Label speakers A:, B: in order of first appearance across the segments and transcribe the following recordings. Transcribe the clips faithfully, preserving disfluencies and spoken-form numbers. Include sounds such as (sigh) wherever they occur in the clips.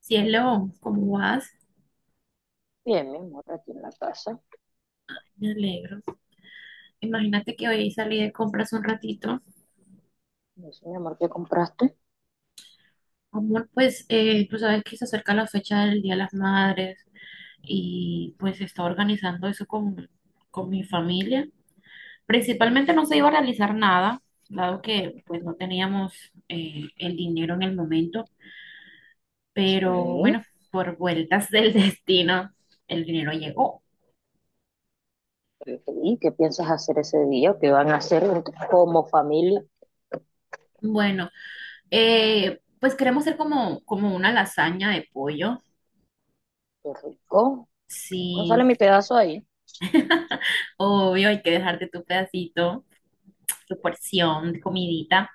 A: Cielo, ¿cómo vas?
B: Bien, mi amor, aquí en la casa.
A: Me alegro. Imagínate que hoy salí de compras un ratito.
B: Me dice, mi amor, ¿qué compraste?
A: Amor, pues eh, tú sabes que se acerca la fecha del Día de las Madres y pues se está organizando eso con, con mi familia. Principalmente no se iba a realizar nada, dado que pues no teníamos eh, el dinero en el momento, pero
B: Sí.
A: bueno, por vueltas del (laughs) destino, el dinero llegó.
B: Le dije, ¿y qué piensas hacer ese día? ¿O ¿Qué van a hacer entre- como familia?
A: Bueno, eh, pues queremos hacer como, como una lasaña de pollo.
B: Qué rico. ¿No sale
A: Sí.
B: mi pedazo ahí?
A: Obvio, hay que dejarte tu pedacito, tu porción de comidita.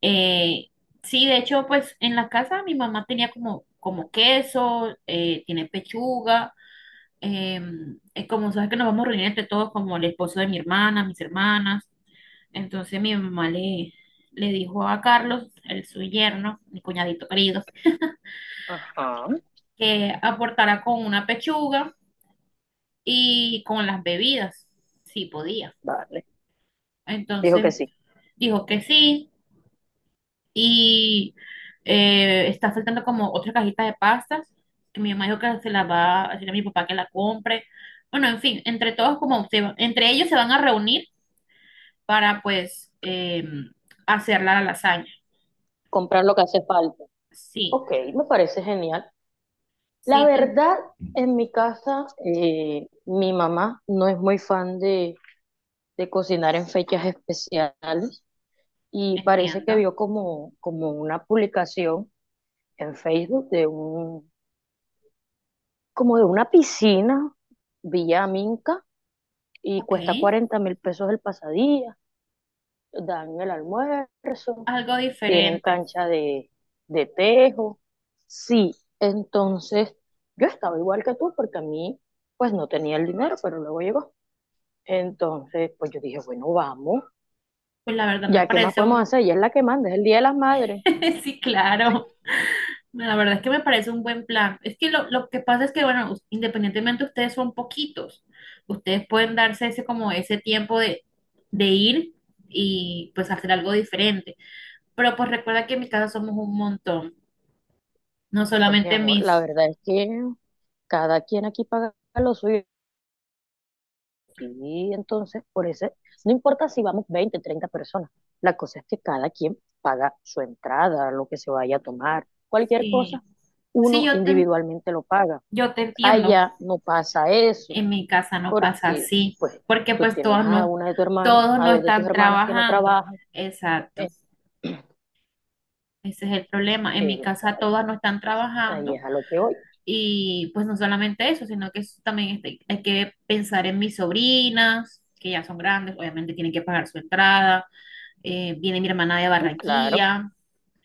A: Eh, sí, de hecho, pues en la casa mi mamá tenía como, como queso, eh, tiene pechuga, eh, eh, como sabes que nos vamos a reunir entre todos, como el esposo de mi hermana, mis hermanas. Entonces mi mamá le, le dijo a Carlos, el su yerno, mi cuñadito querido,
B: Ajá.
A: que aportara con una pechuga y con las bebidas, si podía.
B: Vale. Dijo que
A: Entonces
B: sí.
A: dijo que sí. Y eh, está faltando como otra cajita de pastas, que mi mamá dijo que se la va a decir a mi papá que la compre. Bueno, en fin, entre todos como se va- entre ellos se van a reunir para pues eh, hacer la lasaña.
B: Comprar lo que hace falta.
A: Sí,
B: Ok, me parece genial. La
A: sí, tú
B: verdad, en mi casa, eh, mi mamá no es muy fan de, de cocinar en fechas especiales, y parece que
A: entiendo.
B: vio como, como una publicación en Facebook de un, como de una piscina, Villa Minca, y
A: Ok,
B: cuesta cuarenta mil pesos el pasadía, dan el almuerzo,
A: algo
B: tienen
A: diferente.
B: cancha de, de tejo. Sí, entonces yo estaba igual que tú porque a mí pues no tenía el dinero, pero luego llegó. Entonces, pues yo dije, bueno, vamos,
A: Pues la verdad me
B: ya qué más
A: parece
B: podemos
A: un...
B: hacer, ella es la que manda, es el Día de las Madres.
A: (laughs) Sí, claro. La verdad es que me parece un buen plan. Es que lo, lo que pasa es que, bueno, us- independientemente ustedes son poquitos, ustedes pueden darse ese como ese tiempo de, de ir y pues hacer algo diferente. Pero pues recuerda que en mi casa somos un montón, no
B: Pues mi
A: solamente
B: amor, la
A: mis...
B: verdad es que cada quien aquí paga lo suyo. Y entonces, por ese, no importa si vamos veinte treinta personas, la cosa es que cada quien paga su entrada, lo que se vaya a tomar, cualquier
A: Sí,
B: cosa,
A: sí,
B: uno
A: yo te, en-
B: individualmente lo paga.
A: yo te entiendo,
B: Allá no pasa eso,
A: en mi casa no pasa
B: porque
A: así,
B: pues
A: porque
B: tú
A: pues
B: tienes
A: todos
B: a
A: no,
B: una de tu hermana,
A: todos
B: a
A: no
B: dos de tus
A: están
B: hermanas que no
A: trabajando.
B: trabajan,
A: Exacto,
B: eh,
A: ese es el problema. En mi casa
B: esa-
A: todas no están
B: ahí
A: trabajando.
B: es a lo que voy.
A: Y pues no solamente eso, sino que es- también este- hay que pensar en mis sobrinas, que ya son grandes, obviamente tienen que pagar su entrada. Eh, viene mi hermana de
B: Sí, claro,
A: Barranquilla,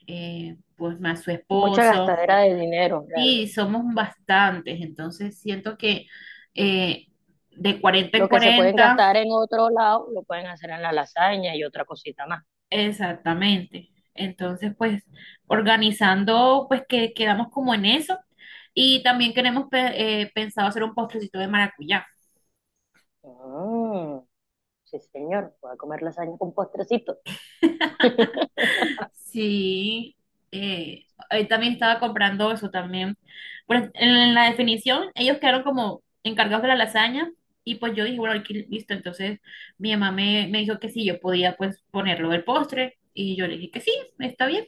A: eh, pues más su
B: mucha
A: esposo.
B: gastadera de dinero
A: Y
B: realmente.
A: somos bastantes, entonces siento que eh, de cuarenta en
B: Lo que se pueden
A: cuarenta
B: gastar en otro lado, lo pueden hacer en la lasaña y otra cosita más.
A: exactamente. Entonces, pues organizando, pues que quedamos como en eso. Y también queremos pe- eh, pensado hacer un postrecito de maracuyá.
B: Mm. Sí, señor, voy a comer lasaña con postrecito. (laughs)
A: Sí, eh, ahí también estaba comprando eso también. Pero en la definición, ellos quedaron como encargados de la lasaña y pues yo dije, bueno, aquí listo. Entonces mi mamá me, me dijo que sí, yo podía pues ponerlo del postre y yo le dije que sí, está bien.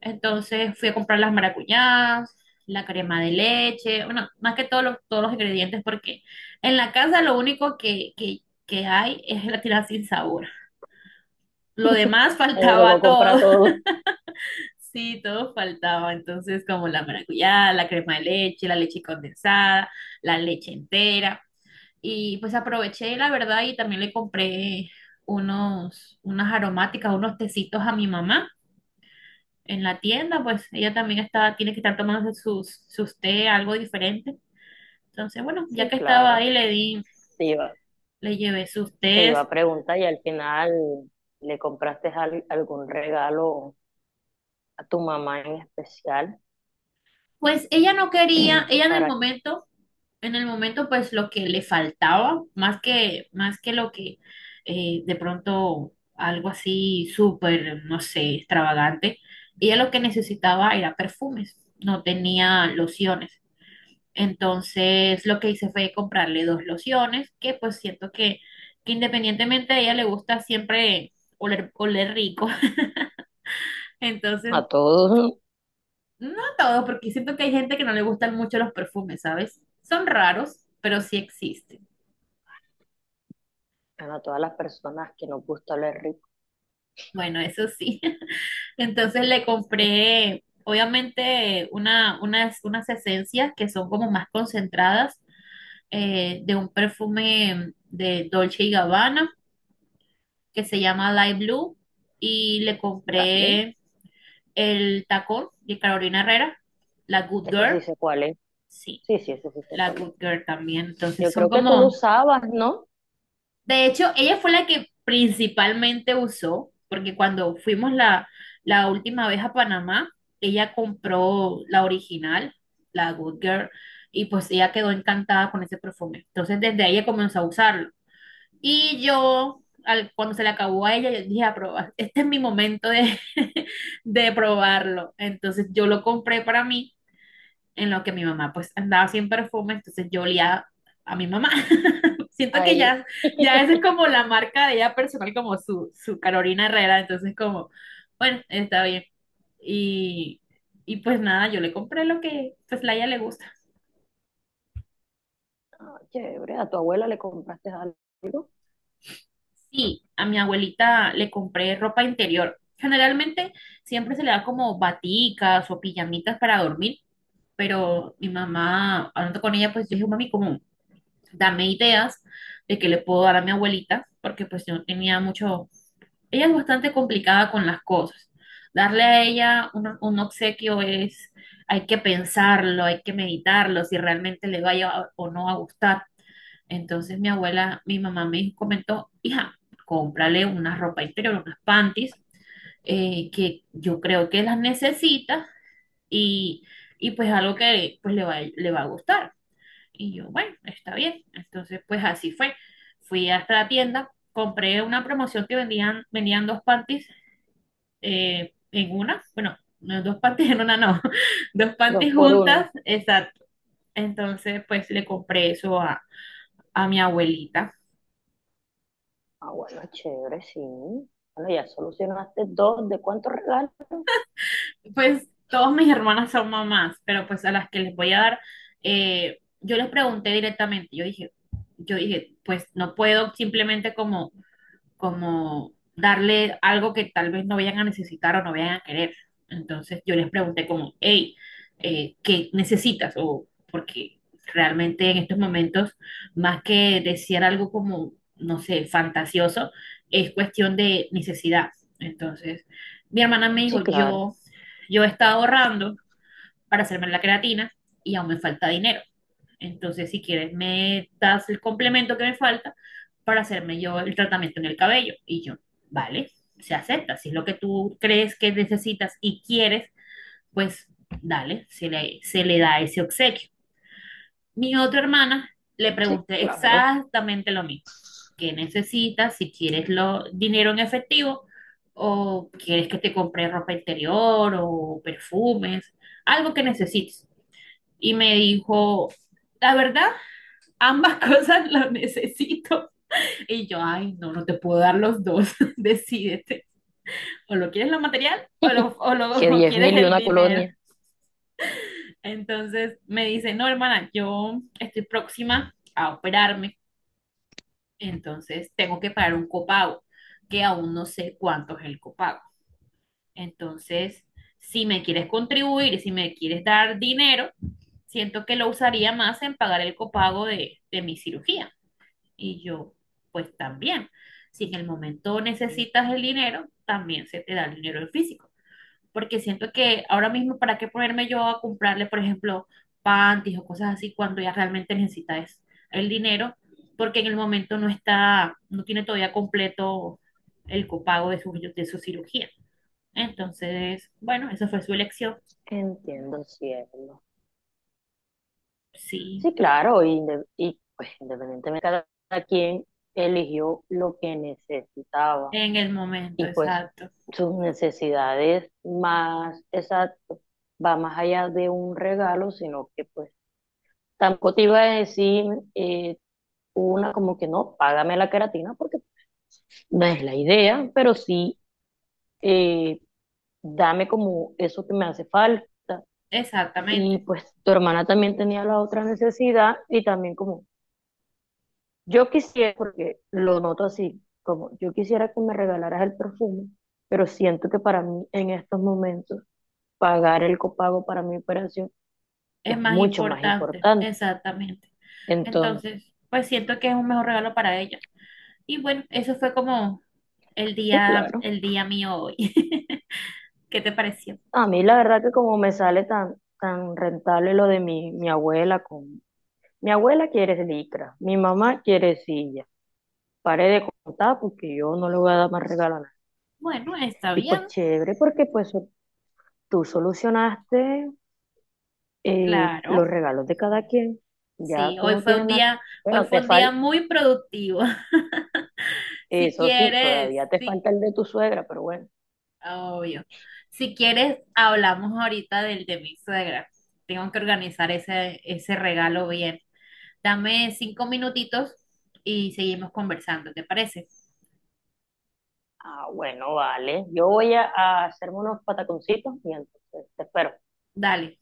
A: Entonces fui a comprar las maracuyás, la crema de leche, bueno, más que todos los, todos los ingredientes porque en la casa lo único que, que, que hay es gelatina sin sabor. Lo demás (laughs)
B: Me tocó
A: faltaba
B: comprar
A: todo.
B: todo.
A: Sí, todo faltaba. Entonces, como la maracuyá, la crema de leche, la leche condensada, la leche entera. Y pues aproveché, la verdad, y también le compré unos, unas aromáticas, unos tecitos a mi mamá en la tienda. Pues ella también está, tiene que estar tomando sus, sus té, algo diferente. Entonces, bueno, ya
B: Sí,
A: que estaba
B: claro.
A: ahí, le di,
B: Te iba,
A: le llevé sus
B: Te iba
A: tés.
B: a preguntar y al final le compraste al- algún regalo a tu mamá en especial,
A: Pues ella no quería, ella en el
B: para
A: momento en el momento, pues lo que le faltaba, más que, más que lo que eh, de pronto algo así súper, no sé, extravagante, ella lo que necesitaba era perfumes, no tenía lociones. Entonces lo que hice fue comprarle dos lociones, que pues siento que, que independientemente a ella le gusta siempre oler, oler rico. (laughs) Entonces,
B: a todos,
A: no todo, porque siento que hay gente que no le gustan mucho los perfumes, ¿sabes? Son raros, pero sí existen.
B: bueno, a todas las personas que nos gusta oler rico.
A: Bueno, eso sí. (laughs) Entonces le compré, obviamente, una, unas, unas esencias que son como más concentradas eh, de un perfume de Dolce y Gabbana que se llama Light Blue y le
B: Dale.
A: compré el tacón de Carolina Herrera, la Good
B: Ese sí
A: Girl,
B: sé cuál es.
A: sí,
B: Sí, sí, ese sí sé
A: la
B: cuál es.
A: Good Girl también. Entonces
B: Yo
A: son
B: creo que tú lo
A: como
B: usabas, ¿no?
A: De hecho, ella fue la que principalmente usó, porque cuando fuimos la, la última vez a Panamá, ella compró la original, la Good Girl, y pues ella quedó encantada con ese perfume. Entonces, desde ahí ella comenzó a usarlo. Y yo, al- cuando se le acabó a ella, yo dije, a probar, este es mi momento de, (laughs) de probarlo. Entonces, yo lo compré para mí en lo que mi mamá pues andaba sin perfume, entonces yo olía a mi mamá. (laughs) Siento que
B: Ahí.
A: ya, ya esa es
B: (laughs)
A: como la marca de ella personal, como su, su Carolina Herrera, entonces como, bueno, está bien. Y, y pues nada, yo le compré lo que pues la ella le gusta.
B: Ah, chévere, a tu abuela le compraste algo.
A: Sí, a mi abuelita le compré ropa interior. Generalmente siempre se le da como baticas o pijamitas para dormir, pero mi mamá, hablando con ella, pues yo dije, mami, como darme ideas de qué le puedo dar a mi abuelita, porque pues yo tenía mucho, ella es bastante complicada con las cosas. Darle a ella un, un obsequio es, hay que pensarlo, hay que meditarlo, si realmente le vaya a- o no a gustar. Entonces mi abuela, mi mamá me dijo- comentó, hija, cómprale una ropa interior, unas panties, eh, que yo creo que las necesita y, y pues algo que pues le va, le va a gustar. Y yo, bueno, está bien. Entonces, pues así fue. Fui hasta la tienda, compré una promoción que vendían, vendían dos panties eh, en una, bueno, no, dos panties en una no, (laughs) dos
B: Dos
A: panties
B: por uno.
A: juntas, exacto. Entonces, pues le compré eso a, a mi abuelita.
B: Ah, bueno, chévere, sí. Bueno, ya solucionaste dos. ¿De cuántos regalos?
A: Pues todas mis hermanas son mamás, pero pues a las que les voy a dar, eh, yo les pregunté directamente, yo dije, yo dije, pues no puedo simplemente como como darle algo que tal vez no vayan a necesitar o no vayan a querer. Entonces yo les pregunté como, hey, eh, ¿qué necesitas? O porque realmente en estos momentos, más que desear algo como, no sé, fantasioso, es cuestión de necesidad. Entonces, mi hermana me
B: Sí,
A: dijo,
B: claro.
A: yo, yo he estado ahorrando para hacerme la creatina y aún me falta dinero. Entonces, si quieres, me das el complemento que me falta para hacerme yo el tratamiento en el cabello. Y yo, vale, se acepta. Si es lo que tú crees que necesitas y quieres, pues dale, se le, se le da ese obsequio. Mi otra hermana le
B: Sí,
A: pregunté
B: claro.
A: exactamente lo mismo. ¿Qué necesitas? Si quieres lo, dinero en efectivo o quieres que te compre ropa interior o perfumes, algo que necesites. Y me dijo, la verdad, ambas (laughs) cosas las necesito. Y yo, ay, no, no te puedo dar los dos. (laughs) Decídete. O lo quieres lo material o lo, o
B: Que
A: lo o
B: diez mil
A: quieres
B: y
A: el
B: una
A: dinero.
B: colonia.
A: Entonces me dice, no, hermana, yo estoy próxima a operarme. Entonces tengo que pagar un copago, que aún no sé cuánto es el copago. Entonces, si me quieres contribuir, si me quieres dar dinero, siento que lo usaría más en pagar el copago de, de mi cirugía. Y yo, pues también, si en el momento necesitas el dinero, también se te da el dinero en físico. Porque siento que ahora mismo, ¿para qué ponerme yo a comprarle, por ejemplo, panties o cosas así cuando ella realmente necesita es el dinero? Porque en el momento no está, no tiene todavía completo el copago de su, de su cirugía. Entonces, bueno, esa fue su elección.
B: Entiendo, cielo.
A: Sí,
B: Sí, claro. Y, inde- y pues independientemente, cada quien eligió lo que necesitaba.
A: en el momento,
B: Y pues
A: exacto.
B: sus necesidades más exacto va más allá de un regalo, sino que pues tampoco te iba a decir eh, una como que no, págame la queratina, porque no es la idea, pero sí, eh, dame como eso que me hace falta. Y
A: Exactamente.
B: pues tu hermana también tenía la otra necesidad y también como yo quisiera, porque lo noto así, como yo quisiera que me regalaras el perfume, pero siento que para mí en estos momentos pagar el copago para mi operación
A: Es
B: es
A: más
B: mucho más
A: importante,
B: importante.
A: exactamente.
B: Entonces,
A: Entonces, pues siento que es un mejor regalo para ellos. Y bueno, eso fue como el
B: sí,
A: día,
B: claro.
A: el día mío hoy. (laughs) ¿Qué te pareció?
B: A mí la verdad que como me sale tan, tan rentable lo de mi, mi abuela con. Mi abuela quiere licra, mi mamá quiere silla. Paré de contar porque yo no le voy a dar más regalo a nadie.
A: Bueno, está
B: Y
A: bien,
B: pues chévere, porque pues tú solucionaste eh, los
A: claro.
B: regalos de cada quien. Ya
A: Sí,
B: tú
A: hoy
B: no
A: fue
B: tienes
A: un
B: nada.
A: día, hoy
B: Bueno,
A: fue
B: te
A: un día
B: falta,
A: muy productivo. (laughs) Si
B: eso sí,
A: quieres,
B: todavía te
A: sí,
B: falta el de tu suegra, pero bueno.
A: obvio. Si quieres, hablamos ahorita del de mi suegra. Tengo que organizar ese, ese regalo bien. Dame cinco minutitos y seguimos conversando, ¿te parece?
B: Ah, bueno, vale. Yo voy a, a hacerme unos pataconcitos y entonces te espero.
A: Dale.